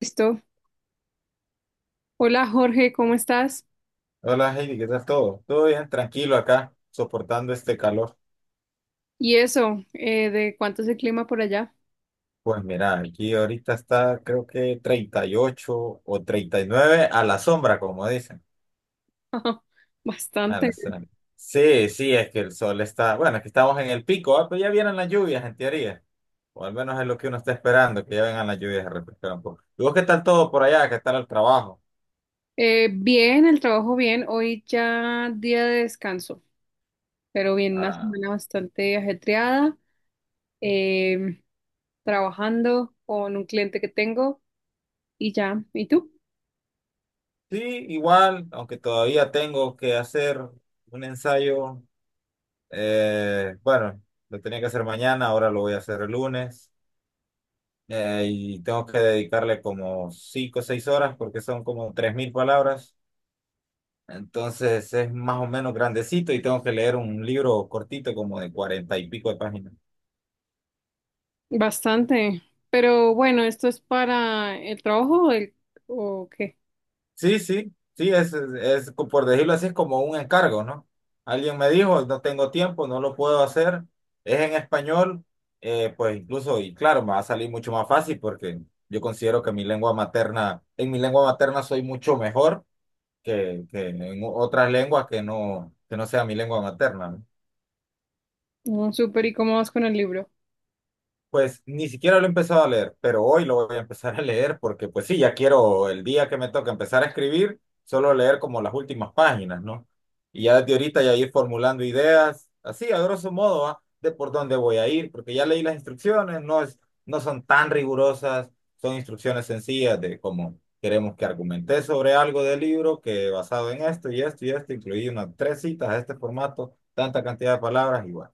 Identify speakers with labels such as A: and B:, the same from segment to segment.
A: Listo. Hola Jorge, ¿cómo estás?
B: Hola Heidi, ¿qué tal todo? Todo bien, tranquilo acá, soportando este calor.
A: Y eso, ¿de cuánto es el clima por allá?
B: Pues mira, aquí ahorita está creo que 38 o 39 a la sombra, como dicen. A
A: Bastante.
B: la sombra. Sí, sí, es que el sol está, bueno, es que estamos en el pico. Pero ya vienen las lluvias en teoría, o al menos es lo que uno está esperando, que ya vengan las lluvias a refrescar un poco. ¿Y vos qué tal todo por allá? ¿Qué tal el trabajo?
A: Bien, el trabajo bien. Hoy ya día de descanso, pero bien, una
B: Ah,
A: semana bastante ajetreada, eh, trabajando con un cliente que tengo y ya. ¿Y tú?
B: sí, igual, aunque todavía tengo que hacer un ensayo. Bueno, lo tenía que hacer mañana, ahora lo voy a hacer el lunes. Y tengo que dedicarle como 5 o 6 horas porque son como 3000 palabras. Entonces es más o menos grandecito y tengo que leer un libro cortito como de 40 y pico de páginas.
A: Bastante. Pero bueno, ¿esto es para el trabajo o, o qué?
B: Sí, sí, sí, es, por decirlo así, es como un encargo, ¿no? Alguien me dijo, no tengo tiempo, no lo puedo hacer, es en español, pues incluso, y claro, me va a salir mucho más fácil porque yo considero que mi lengua materna, en mi lengua materna soy mucho mejor que en otras lenguas que no sea mi lengua materna, ¿no?
A: No, súper. ¿Y cómo vas con el libro?
B: Pues ni siquiera lo he empezado a leer, pero hoy lo voy a empezar a leer porque pues sí, ya quiero el día que me toca empezar a escribir, solo leer como las últimas páginas, ¿no? Y ya desde ahorita ya ir formulando ideas, así a grosso modo, ¿va? De por dónde voy a ir, porque ya leí las instrucciones, no son tan rigurosas, son instrucciones sencillas de cómo queremos que argumenté sobre algo del libro que basado en esto y esto y esto, incluí unas tres citas a este formato, tanta cantidad de palabras igual.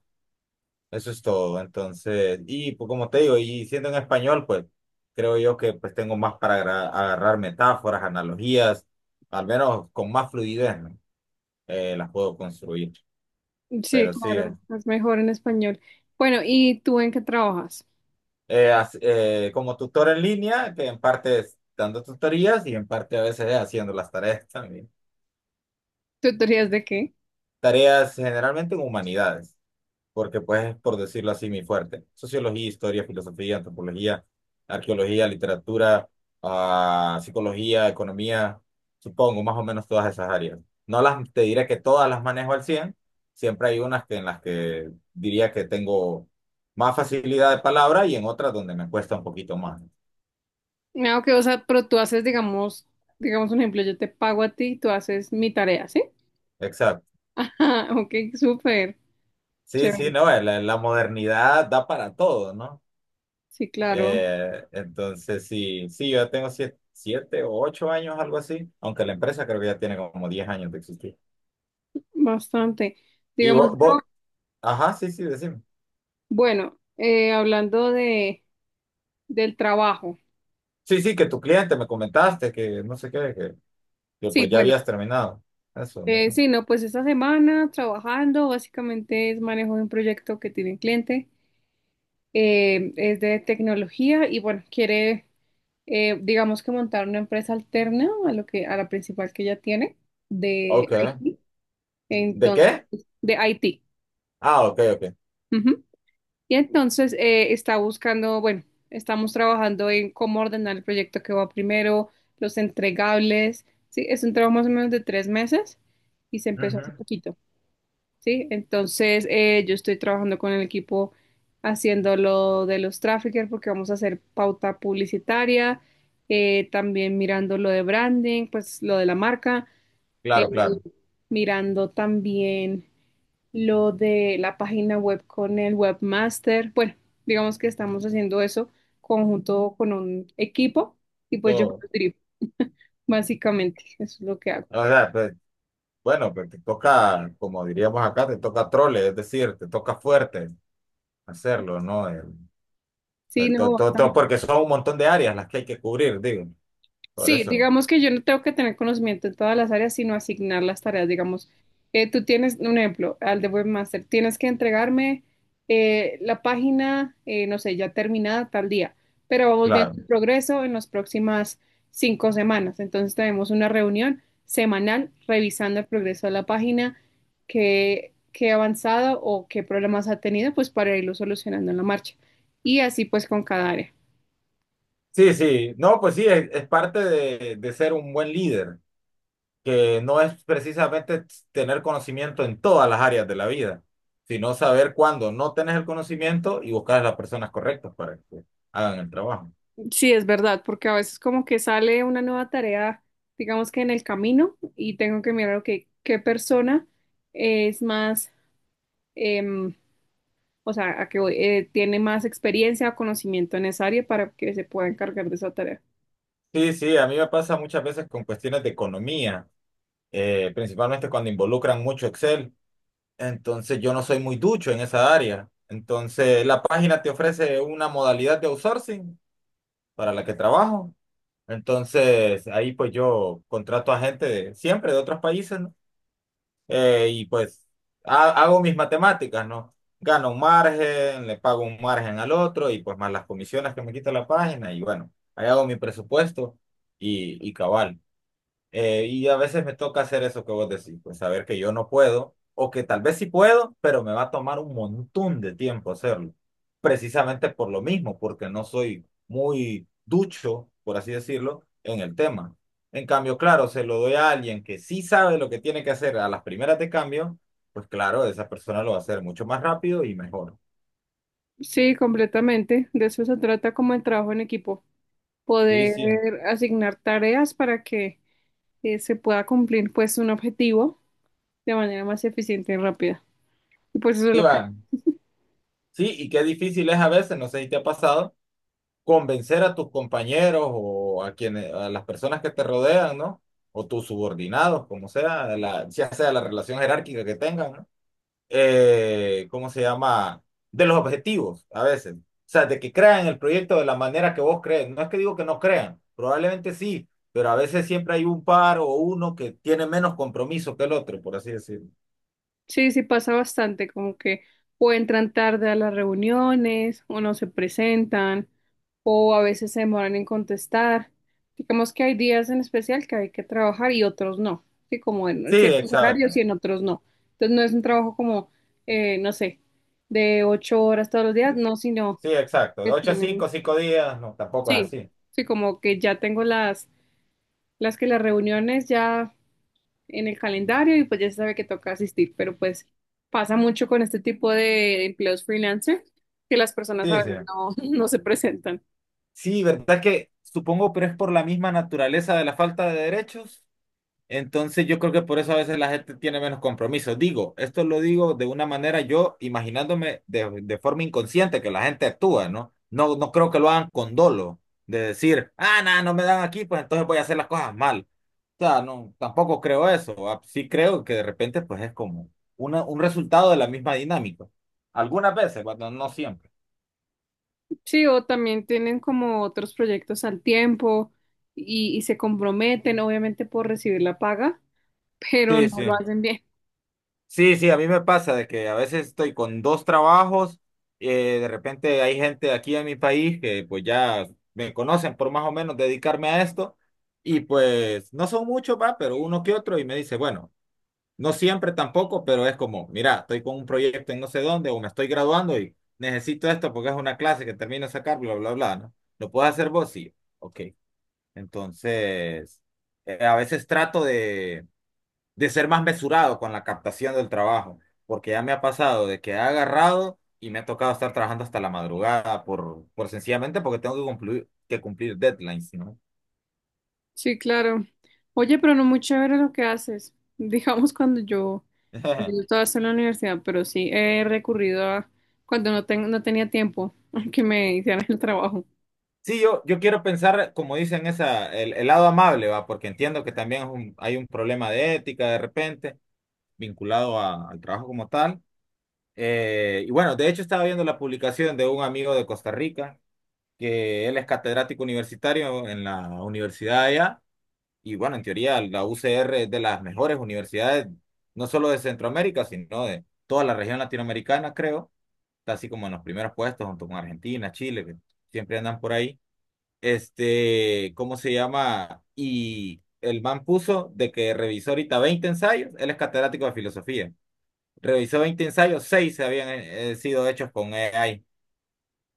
B: Eso es todo. Entonces, y pues, como te digo, y siendo en español, pues creo yo que pues tengo más para agarrar metáforas, analogías, al menos con más fluidez, ¿no? Las puedo construir.
A: Sí,
B: Pero sí,
A: claro, es mejor en español. Bueno, ¿y tú en qué trabajas?
B: como tutor en línea, que en parte es dando tutorías y en parte a veces haciendo las tareas también.
A: ¿Tutorías de qué?
B: Tareas generalmente en humanidades, porque pues es, por decirlo así, mi fuerte. Sociología, historia, filosofía, antropología, arqueología, literatura, psicología, economía, supongo, más o menos todas esas áreas. No las, Te diré que todas las manejo al cien, siempre hay unas que en las que diría que tengo más facilidad de palabra y en otras donde me cuesta un poquito más.
A: No, que, o sea, pero tú haces, digamos un ejemplo, yo te pago a ti y tú haces mi tarea, ¿sí?
B: Exacto.
A: Ah, ok, súper,
B: Sí, sí,
A: chévere.
B: no, la modernidad da para todo, ¿no?
A: Sí, claro,
B: Entonces, sí, sí, yo ya tengo 7 u 8 años, algo así, aunque la empresa creo que ya tiene como 10 años de existir.
A: bastante.
B: Y
A: Digamos,
B: vos, ajá, sí, sí, decime.
A: bueno, hablando de, del trabajo.
B: Sí, sí, que tu cliente me comentaste que no sé qué, que
A: Sí,
B: pues ya
A: bueno,
B: habías terminado. Eso, no sé.
A: sí, no, pues esta semana trabajando, básicamente es manejo de un proyecto que tiene un cliente, es de tecnología y bueno, quiere digamos que montar una empresa alterna a lo que, a la principal que ella tiene de
B: Ok.
A: IT.
B: ¿De
A: Entonces,
B: qué?
A: de IT.
B: Ah, ok, ok.
A: Ujú. Y entonces está buscando, bueno, estamos trabajando en cómo ordenar el proyecto que va primero, los entregables. Sí, es un trabajo más o menos de 3 meses y se empezó hace
B: Ujú.
A: poquito. Sí, entonces yo estoy trabajando con el equipo haciendo lo de los traffickers porque vamos a hacer pauta publicitaria, también mirando lo de branding, pues lo de la marca, eh,
B: Claro, claro.
A: mirando también lo de la página web con el webmaster. Bueno, digamos que estamos haciendo eso conjunto con un equipo y pues yo lo
B: Todo.
A: dirijo, básicamente, eso es lo que hago.
B: O sea, pues, bueno, pues te toca, como diríamos acá, te toca trole, es decir, te toca fuerte hacerlo, ¿no?
A: Sí,
B: El
A: no,
B: to- to- to-
A: bastante.
B: porque son un montón de áreas las que hay que cubrir, digo. Por
A: Sí,
B: eso,
A: digamos que yo no tengo que tener conocimiento en todas las áreas, sino asignar las tareas. Digamos, tú tienes un ejemplo al de webmaster, tienes que entregarme la página, no sé, ya terminada tal día, pero vamos viendo
B: claro.
A: el progreso en las próximas 5 semanas. Entonces tenemos una reunión semanal revisando el progreso de la página, qué ha avanzado o qué problemas ha tenido, pues para irlo solucionando en la marcha. Y así pues con cada área.
B: Sí, sí. No, pues sí, es parte de ser un buen líder, que no es precisamente tener conocimiento en todas las áreas de la vida, sino saber cuándo no tenés el conocimiento y buscar a las personas correctas para que hagan el trabajo.
A: Sí, es verdad, porque a veces como que sale una nueva tarea, digamos que en el camino, y tengo que mirar, ok, qué persona es más, em, o sea, a que voy, tiene más experiencia o conocimiento en esa área para que se pueda encargar de esa tarea.
B: Sí, sí, a mí me pasa muchas veces con cuestiones de economía, principalmente cuando involucran mucho Excel. Entonces yo no soy muy ducho en esa área. Entonces la página te ofrece una modalidad de outsourcing para la que trabajo. Entonces ahí pues yo contrato a gente siempre de otros países, ¿no? Y pues hago mis matemáticas, ¿no? Gano un margen, le pago un margen al otro y pues más las comisiones que me quita la página y bueno, ahí hago mi presupuesto y cabal. Y a veces me toca hacer eso que vos decís, pues saber que yo no puedo, o que tal vez sí puedo, pero me va a tomar un montón de tiempo hacerlo. Precisamente por lo mismo, porque no soy muy ducho, por así decirlo, en el tema. En cambio, claro, se lo doy a alguien que sí sabe lo que tiene que hacer a las primeras de cambio, pues claro, esa persona lo va a hacer mucho más rápido y mejor.
A: Sí, completamente. De eso se trata como el trabajo en equipo,
B: Sí,
A: poder
B: sí,
A: asignar tareas para que se pueda cumplir pues un objetivo de manera más eficiente y rápida. Y pues eso es
B: sí,
A: lo que
B: va. Sí, y qué difícil es a veces, no sé si te ha pasado convencer a tus compañeros o a las personas que te rodean, ¿no? O tus subordinados, como sea, ya sea la relación jerárquica que tengan, ¿no? ¿Cómo se llama? De los objetivos, a veces. O sea, de que crean el proyecto de la manera que vos crees. No es que digo que no crean, probablemente sí, pero a veces siempre hay un par o uno que tiene menos compromiso que el otro, por así decirlo.
A: sí, sí pasa bastante, como que o entran tarde a las reuniones, o no se presentan, o a veces se demoran en contestar. Digamos que hay días en especial que hay que trabajar y otros no, sí, como en
B: Sí,
A: ciertos horarios
B: exacto.
A: y en otros no. Entonces no es un trabajo como, no sé, de 8 horas todos los días, no, sino
B: Sí, exacto. De
A: que
B: 8 a 5, 5 días, no, tampoco es
A: sí,
B: así.
A: sí, como que ya tengo las que las reuniones ya en el calendario y pues ya se sabe que toca asistir, pero pues pasa mucho con este tipo de empleos freelancer que las personas a
B: Sí, sí.
A: veces no, no se presentan.
B: Sí, verdad que supongo, pero es por la misma naturaleza de la falta de derechos. Entonces yo creo que por eso a veces la gente tiene menos compromiso. Digo, esto lo digo de una manera yo imaginándome de forma inconsciente que la gente actúa, ¿no? No, no creo que lo hagan con dolo, de decir, ah, nada, no me dan aquí, pues entonces voy a hacer las cosas mal. O sea, no, tampoco creo eso. Ah, sí creo que de repente pues es como un resultado de la misma dinámica. Algunas veces, cuando no siempre.
A: Sí, o también tienen como otros proyectos al tiempo y se comprometen obviamente por recibir la paga, pero no
B: Sí,
A: lo
B: sí.
A: hacen bien.
B: Sí, sí, a mí me pasa de que a veces estoy con dos trabajos, de repente hay gente aquí en mi país que pues ya me conocen por más o menos dedicarme a esto y pues no son muchos, va, pero uno que otro y me dice, bueno, no siempre tampoco, pero es como, mira, estoy con un proyecto en no sé dónde o me estoy graduando y necesito esto porque es una clase que termino de sacar, bla, bla, bla, ¿no? ¿Lo puedes hacer vos? Sí, ok. Entonces, a veces trato de ser más mesurado con la captación del trabajo, porque ya me ha pasado de que he agarrado y me ha tocado estar trabajando hasta la madrugada por sencillamente porque tengo que que cumplir deadlines, ¿no?
A: Sí, claro. Oye, pero no muy chévere lo que haces. Digamos cuando yo estaba en la universidad, pero sí he recurrido a cuando no, no tenía tiempo que me hicieran el trabajo.
B: Sí, yo quiero pensar, como dicen, esa, el lado amable, ¿va? Porque entiendo que también hay un problema de ética de repente vinculado al trabajo como tal. Y bueno, de hecho estaba viendo la publicación de un amigo de Costa Rica, que él es catedrático universitario en la universidad allá. Y bueno, en teoría la UCR es de las mejores universidades, no solo de Centroamérica, sino de toda la región latinoamericana, creo. Está así como en los primeros puestos, junto con Argentina, Chile, que siempre andan por ahí. Este, ¿cómo se llama? Y el man puso de que revisó ahorita 20 ensayos, él es catedrático de filosofía. Revisó 20 ensayos, seis se habían sido hechos con AI.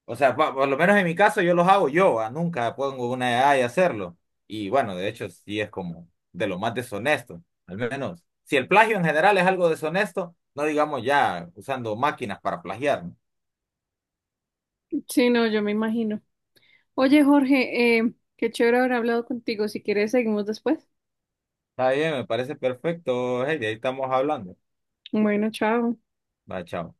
B: O sea, por lo menos en mi caso yo los hago yo, nunca pongo una edad de hacerlo. Y bueno, de hecho sí es como de lo más deshonesto, al menos. Si el plagio en general es algo deshonesto, no digamos ya usando máquinas para plagiar, ¿no?
A: Sí, no, yo me imagino. Oye, Jorge, qué chévere haber hablado contigo. Si quieres, seguimos después.
B: Está bien, me parece perfecto, hey, de ahí estamos hablando.
A: Bueno, chao.
B: Va, chao.